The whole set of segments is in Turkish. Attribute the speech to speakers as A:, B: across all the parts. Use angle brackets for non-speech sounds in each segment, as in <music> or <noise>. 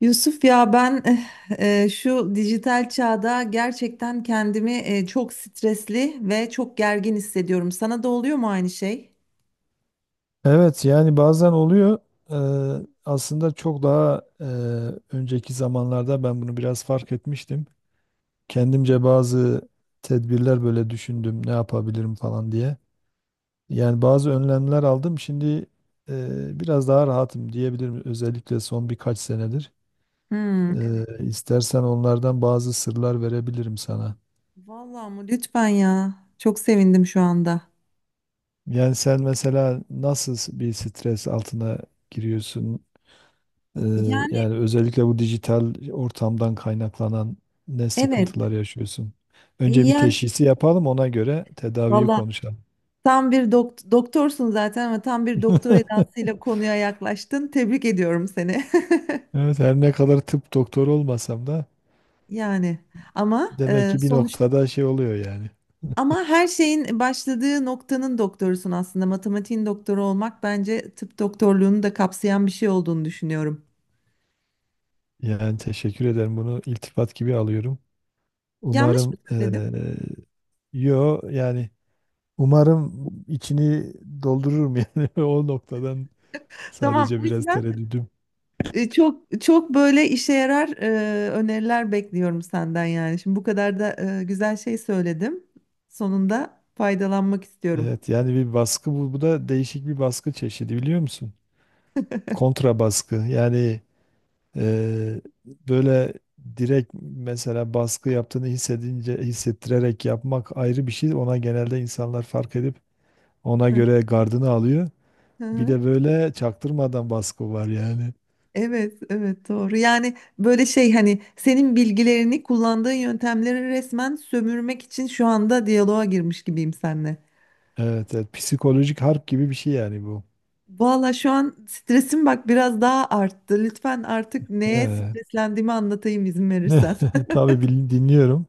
A: Yusuf ya ben şu dijital çağda gerçekten kendimi çok stresli ve çok gergin hissediyorum. Sana da oluyor mu aynı şey?
B: Evet yani bazen oluyor. Aslında çok daha önceki zamanlarda ben bunu biraz fark etmiştim. Kendimce bazı tedbirler böyle düşündüm ne yapabilirim falan diye. Yani bazı önlemler aldım. Şimdi biraz daha rahatım diyebilirim. Özellikle son birkaç senedir.
A: Hmm, evet.
B: İstersen onlardan bazı sırlar verebilirim sana.
A: Vallahi mı? Lütfen ya. Çok sevindim şu anda.
B: Yani sen mesela nasıl bir stres altına giriyorsun? Ee,
A: Yani
B: yani özellikle bu dijital ortamdan kaynaklanan ne
A: evet.
B: sıkıntılar yaşıyorsun? Önce bir
A: Yani
B: teşhisi yapalım, ona göre tedaviyi
A: valla
B: konuşalım.
A: doktorsun zaten ama tam bir doktor
B: <laughs>
A: edasıyla konuya yaklaştın. Tebrik ediyorum seni. <laughs>
B: Evet, her ne kadar tıp doktoru olmasam da
A: Yani ama
B: demek ki bir
A: sonuçta
B: noktada şey oluyor yani.
A: ama her şeyin başladığı noktanın doktorusun aslında. Matematiğin doktoru olmak bence tıp doktorluğunu da kapsayan bir şey olduğunu düşünüyorum.
B: Yani teşekkür ederim, bunu iltifat gibi alıyorum.
A: Yanlış mı
B: Umarım
A: söyledim?
B: yo yani umarım içini doldururum <laughs> yani o noktadan
A: Tamam,
B: sadece
A: o
B: biraz
A: yüzden
B: tereddüdüm.
A: çok böyle işe yarar öneriler bekliyorum senden yani. Şimdi bu kadar da güzel şey söyledim. Sonunda faydalanmak istiyorum.
B: Evet yani bir baskı bu, bu da değişik bir baskı çeşidi biliyor musun? Kontra baskı yani böyle direkt mesela baskı yaptığını hissedince hissettirerek yapmak ayrı bir şey. Ona genelde insanlar fark edip ona
A: Hı
B: göre gardını alıyor. Bir
A: hı.
B: de böyle çaktırmadan baskı var yani.
A: Evet, evet doğru. Yani böyle şey hani senin bilgilerini kullandığın yöntemleri resmen sömürmek için şu anda diyaloğa girmiş gibiyim seninle.
B: Evet, evet psikolojik harp gibi bir şey yani bu.
A: Valla şu an stresim bak biraz daha arttı. Lütfen artık neye
B: Evet.
A: streslendiğimi anlatayım izin verirsen.
B: <laughs> Tabii dinliyorum.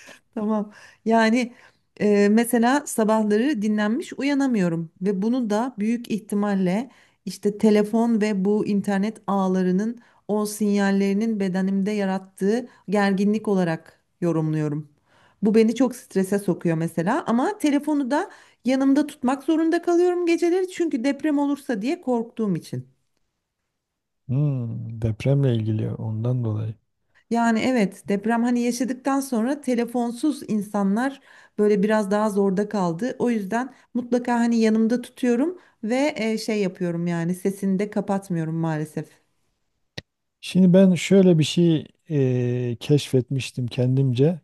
A: <laughs> Tamam. Yani mesela sabahları dinlenmiş uyanamıyorum ve bunu da büyük ihtimalle işte telefon ve bu internet ağlarının o sinyallerinin bedenimde yarattığı gerginlik olarak yorumluyorum. Bu beni çok strese sokuyor mesela ama telefonu da yanımda tutmak zorunda kalıyorum geceleri çünkü deprem olursa diye korktuğum için.
B: Hmm, depremle ilgili ondan dolayı.
A: Yani evet deprem hani yaşadıktan sonra telefonsuz insanlar böyle biraz daha zorda kaldı. O yüzden mutlaka hani yanımda tutuyorum ve şey yapıyorum yani sesini de kapatmıyorum maalesef.
B: Şimdi ben şöyle bir şey keşfetmiştim kendimce.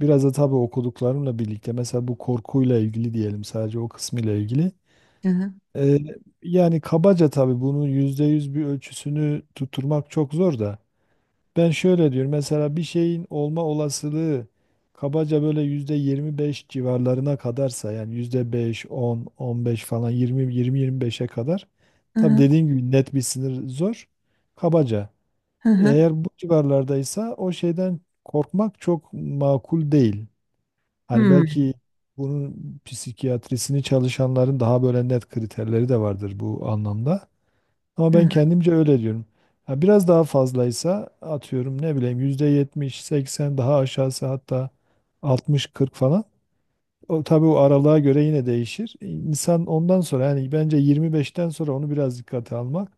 B: Biraz da tabii okuduklarımla birlikte. Mesela bu korkuyla ilgili diyelim, sadece o kısmıyla ilgili.
A: Hı hı,
B: E, yani kabaca tabii bunun %100 bir ölçüsünü tutturmak çok zor da. Ben şöyle diyorum, mesela bir şeyin olma olasılığı kabaca böyle %25 civarlarına kadarsa, yani yüzde beş, on, on beş falan, yirmi, yirmi, yirmi beşe kadar.
A: hı
B: Tabii
A: hı,
B: dediğim gibi net bir sınır zor. Kabaca.
A: hı hı.
B: Eğer bu civarlardaysa o şeyden korkmak çok makul değil. Hani
A: Hmm,
B: belki bunun psikiyatrisini çalışanların daha böyle net kriterleri de vardır bu anlamda. Ama
A: hı
B: ben
A: hı,
B: kendimce öyle diyorum. Ha, biraz daha fazlaysa, atıyorum ne bileyim %70, seksen, daha aşağısı hatta altmış, kırk falan. O, tabii o aralığa göre yine değişir. İnsan ondan sonra yani bence yirmi beşten sonra onu biraz dikkate almak.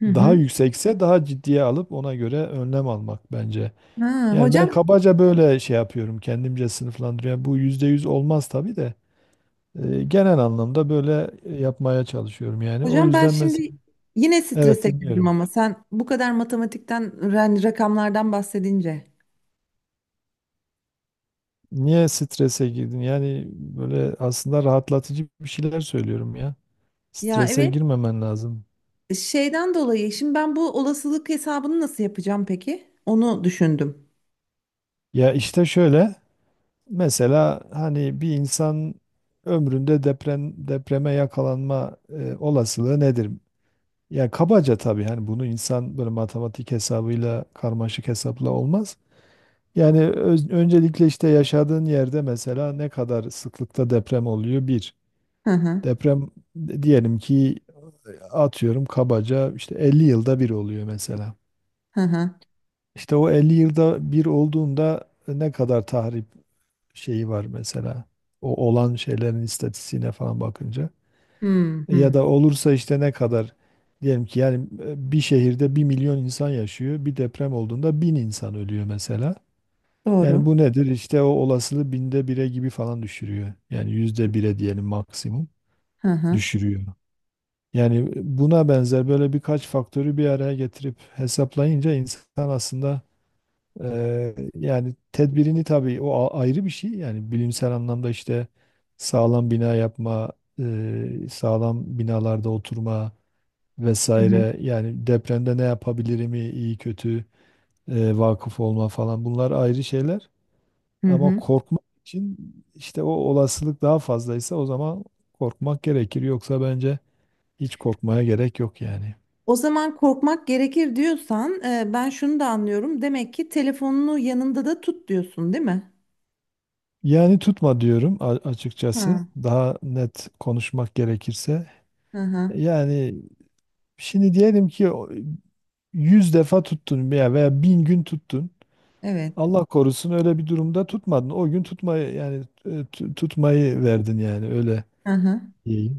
A: hı
B: Daha
A: hı.
B: yüksekse daha ciddiye alıp ona göre önlem almak bence.
A: Ha,
B: Yani ben
A: hocam
B: kabaca böyle şey yapıyorum, kendimce sınıflandırıyorum. Bu %100 olmaz tabii de genel anlamda böyle yapmaya çalışıyorum yani. O
A: hocam ben
B: yüzden mesela
A: şimdi yine
B: evet
A: strese girdim
B: dinliyorum.
A: ama sen bu kadar matematikten rakamlardan bahsedince.
B: Niye strese girdin? Yani böyle aslında rahatlatıcı bir şeyler söylüyorum ya.
A: Ya
B: Strese
A: evet,
B: girmemen lazım.
A: şeyden dolayı şimdi ben bu olasılık hesabını nasıl yapacağım peki? Onu düşündüm.
B: Ya işte şöyle, mesela hani bir insan ömründe deprem, depreme yakalanma olasılığı nedir? Ya kabaca tabii, hani bunu insan böyle matematik hesabıyla, karmaşık hesapla olmaz. Yani öncelikle işte yaşadığın yerde mesela ne kadar sıklıkta deprem oluyor? Bir.
A: Hı hı.
B: Deprem diyelim ki atıyorum kabaca işte 50 yılda bir oluyor mesela.
A: Hı hı.
B: İşte o 50 yılda bir olduğunda ne kadar tahrip şeyi var mesela. O olan şeylerin istatistiğine falan bakınca.
A: Hı
B: Ya
A: hı.
B: da olursa işte ne kadar, diyelim ki yani bir şehirde 1.000.000 insan yaşıyor. Bir deprem olduğunda 1000 insan ölüyor mesela. Yani
A: Doğru.
B: bu nedir? İşte o olasılığı 1/1000'e gibi falan düşürüyor. Yani %1'e diyelim, maksimum
A: Hı hı.
B: düşürüyor. Yani buna benzer böyle birkaç faktörü bir araya getirip hesaplayınca insan aslında yani tedbirini tabii o ayrı bir şey. Yani bilimsel anlamda işte sağlam bina yapma, sağlam binalarda oturma,
A: Hı hı.
B: vesaire. Yani depremde ne yapabilirim iyi kötü vakıf olma falan, bunlar ayrı şeyler.
A: Hı
B: Ama
A: hı.
B: korkmak için işte o olasılık daha fazlaysa o zaman korkmak gerekir. Yoksa bence hiç korkmaya gerek yok yani.
A: O zaman korkmak gerekir diyorsan ben şunu da anlıyorum. Demek ki telefonunu yanında da tut diyorsun, değil mi?
B: Yani tutma diyorum açıkçası.
A: Hı
B: Daha net konuşmak gerekirse.
A: hı, hı.
B: Yani şimdi diyelim ki 100 defa tuttun veya 1000 gün tuttun.
A: Evet.
B: Allah korusun öyle bir durumda tutmadın. O gün tutmayı yani tutmayı verdin yani öyle.
A: Hı hı.
B: İyi.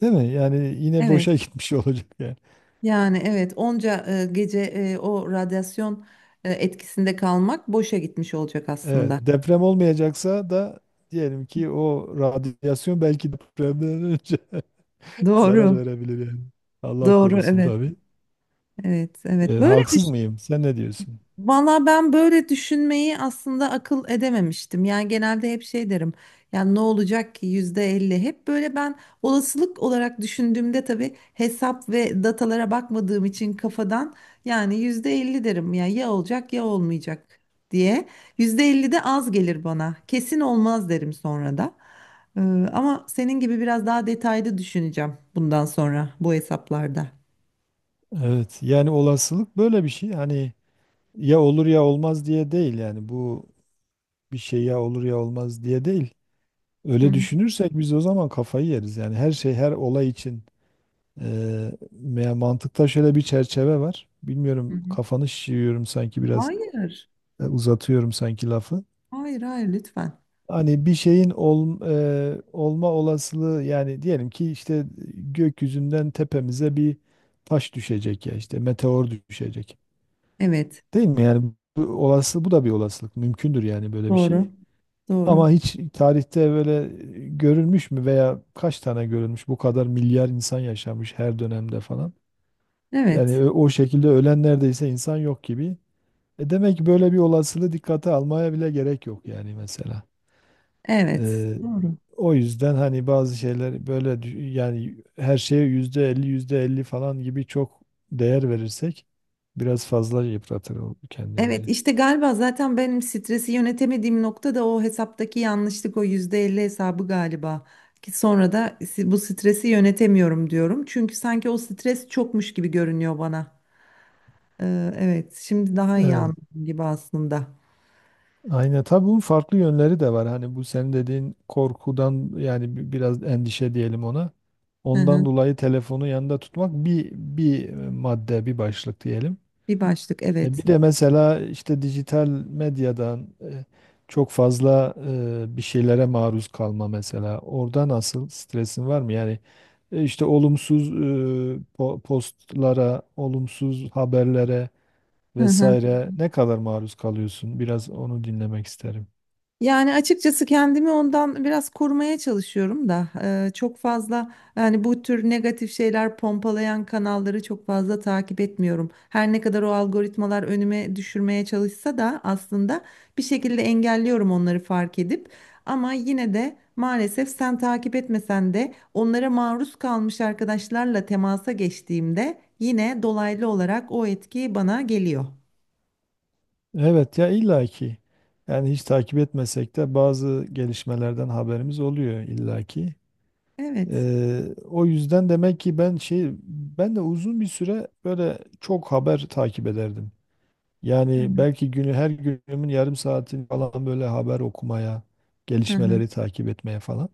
B: Değil mi? Yani yine
A: Evet.
B: boşa <laughs> gitmiş olacak yani.
A: Yani evet onca gece o radyasyon etkisinde kalmak boşa gitmiş olacak
B: Evet,
A: aslında.
B: deprem olmayacaksa da diyelim ki o radyasyon belki depremden önce <laughs> zarar
A: Doğru.
B: verebilir yani. Allah
A: Doğru.
B: korusun
A: Evet.
B: tabii.
A: Evet.
B: E,
A: Evet. Böyle
B: haksız mıyım? Sen ne diyorsun?
A: valla ben böyle düşünmeyi aslında akıl edememiştim. Yani genelde hep şey derim. Yani ne olacak ki, %50. Hep böyle ben olasılık olarak düşündüğümde tabii hesap ve datalara bakmadığım için kafadan yani %50 derim. Ya ya olacak ya olmayacak diye. %50 de az gelir bana. Kesin olmaz derim sonra da. Ee, ama senin gibi biraz daha detaylı düşüneceğim bundan sonra bu hesaplarda.
B: Evet, yani olasılık böyle bir şey. Hani ya olur ya olmaz diye değil, yani bu bir şey ya olur ya olmaz diye değil.
A: Hı
B: Öyle
A: hı,
B: düşünürsek biz o zaman kafayı yeriz. Yani her şey, her olay için eee, yani mantıkta şöyle bir çerçeve var.
A: hı
B: Bilmiyorum,
A: hı.
B: kafanı şişiriyorum sanki biraz,
A: Hayır.
B: uzatıyorum sanki lafı.
A: Hayır, hayır, lütfen.
B: Hani bir şeyin olma olasılığı, yani diyelim ki işte gökyüzünden tepemize bir taş düşecek ya, işte meteor düşecek.
A: Evet.
B: Değil mi? Yani bu olası, bu da bir olasılık. Mümkündür yani böyle bir şey.
A: Doğru. Doğru.
B: Ama hiç tarihte böyle görülmüş mü veya kaç tane görülmüş? Bu kadar milyar insan yaşamış her dönemde falan. Yani
A: Evet.
B: o şekilde ölen neredeyse insan yok gibi. E demek ki böyle bir olasılığı dikkate almaya bile gerek yok yani mesela.
A: Evet.
B: Ee,
A: Doğru.
B: o yüzden hani bazı şeyler böyle yani her şeye %50 yüzde elli falan gibi çok değer verirsek biraz fazla yıpratır
A: Evet
B: kendimizi.
A: işte galiba zaten benim stresi yönetemediğim nokta da o hesaptaki yanlışlık, o %50 hesabı galiba. Ki sonra da bu stresi yönetemiyorum diyorum. Çünkü sanki o stres çokmuş gibi görünüyor bana. Evet, şimdi daha iyi
B: Evet.
A: anladım gibi aslında.
B: Aynen, tabii bunun farklı yönleri de var. Hani bu senin dediğin korkudan yani biraz endişe diyelim ona.
A: Hı
B: Ondan
A: hı.
B: dolayı telefonu yanında tutmak bir, madde, bir başlık diyelim.
A: Bir başlık,
B: E
A: evet.
B: bir de mesela işte dijital medyadan çok fazla bir şeylere maruz kalma mesela. Orada nasıl, stresin var mı? Yani işte olumsuz postlara, olumsuz haberlere
A: Hı hı.
B: vesaire ne kadar maruz kalıyorsun? Biraz onu dinlemek isterim.
A: Yani açıkçası kendimi ondan biraz korumaya çalışıyorum da çok fazla yani bu tür negatif şeyler pompalayan kanalları çok fazla takip etmiyorum. Her ne kadar o algoritmalar önüme düşürmeye çalışsa da aslında bir şekilde engelliyorum onları fark edip, ama yine de maalesef sen takip etmesen de onlara maruz kalmış arkadaşlarla temasa geçtiğimde yine dolaylı olarak o etki bana geliyor.
B: Evet ya, illaki. Yani hiç takip etmesek de bazı gelişmelerden haberimiz oluyor illaki.
A: Evet.
B: O yüzden demek ki ben de uzun bir süre böyle çok haber takip ederdim.
A: Hı
B: Yani
A: hı.
B: belki günü, her günümün yarım saatini falan böyle haber okumaya,
A: Hı hı.
B: gelişmeleri takip etmeye falan.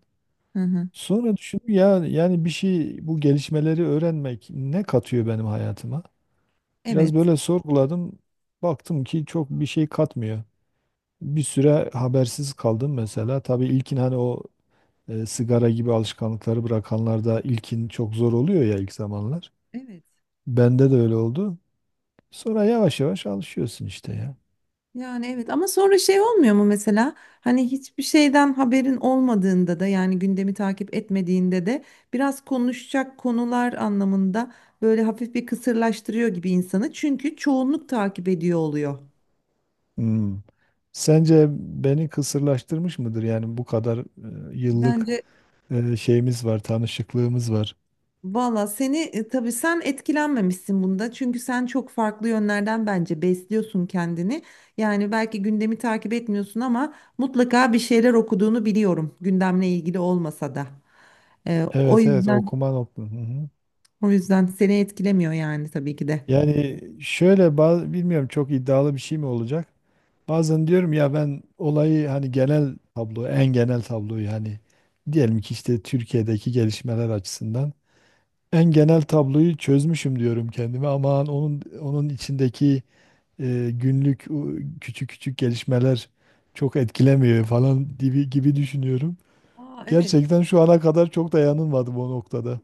A: Hı hı.
B: Sonra düşündüm ya, yani bir şey bu gelişmeleri öğrenmek ne katıyor benim hayatıma? Biraz
A: Evet.
B: böyle sorguladım. Baktım ki çok bir şey katmıyor. Bir süre habersiz kaldım mesela. Tabii ilkin hani o sigara gibi alışkanlıkları bırakanlarda ilkin çok zor oluyor ya, ilk zamanlar.
A: Evet.
B: Bende de öyle oldu. Sonra yavaş yavaş alışıyorsun işte ya.
A: Yani evet, ama sonra şey olmuyor mu mesela hani hiçbir şeyden haberin olmadığında da yani gündemi takip etmediğinde de biraz konuşacak konular anlamında böyle hafif bir kısırlaştırıyor gibi insanı, çünkü çoğunluk takip ediyor oluyor.
B: Hmm. Sence beni kısırlaştırmış mıdır? Yani bu kadar yıllık
A: Bence
B: şeyimiz var, tanışıklığımız var.
A: valla seni tabii sen etkilenmemişsin bunda çünkü sen çok farklı yönlerden bence besliyorsun kendini. Yani belki gündemi takip etmiyorsun ama mutlaka bir şeyler okuduğunu biliyorum, gündemle ilgili olmasa da. E, o
B: Evet, evet
A: yüzden.
B: okuma nokta. Hı hı.
A: O yüzden seni etkilemiyor yani tabii ki de.
B: Yani şöyle bazı, bilmiyorum çok iddialı bir şey mi olacak? Bazen diyorum ya ben olayı hani genel tablo, en genel tabloyu hani diyelim ki işte Türkiye'deki gelişmeler açısından en genel tabloyu çözmüşüm diyorum kendime, ama onun içindeki günlük o küçük küçük gelişmeler çok etkilemiyor falan gibi gibi düşünüyorum.
A: Aa, evet.
B: Gerçekten şu ana kadar çok da yanılmadım o noktada.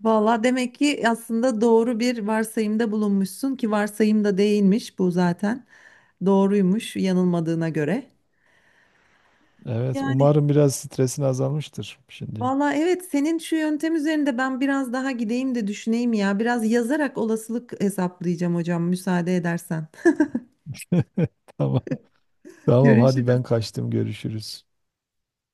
A: Valla demek ki aslında doğru bir varsayımda bulunmuşsun, ki varsayım da değilmiş bu zaten. Doğruymuş yanılmadığına göre.
B: Evet,
A: Yani
B: umarım biraz stresin azalmıştır şimdi.
A: valla evet, senin şu yöntem üzerinde ben biraz daha gideyim de düşüneyim ya. Biraz yazarak olasılık hesaplayacağım hocam, müsaade edersen.
B: <laughs> Tamam. Tamam,
A: Görüşürüz.
B: hadi ben kaçtım, görüşürüz.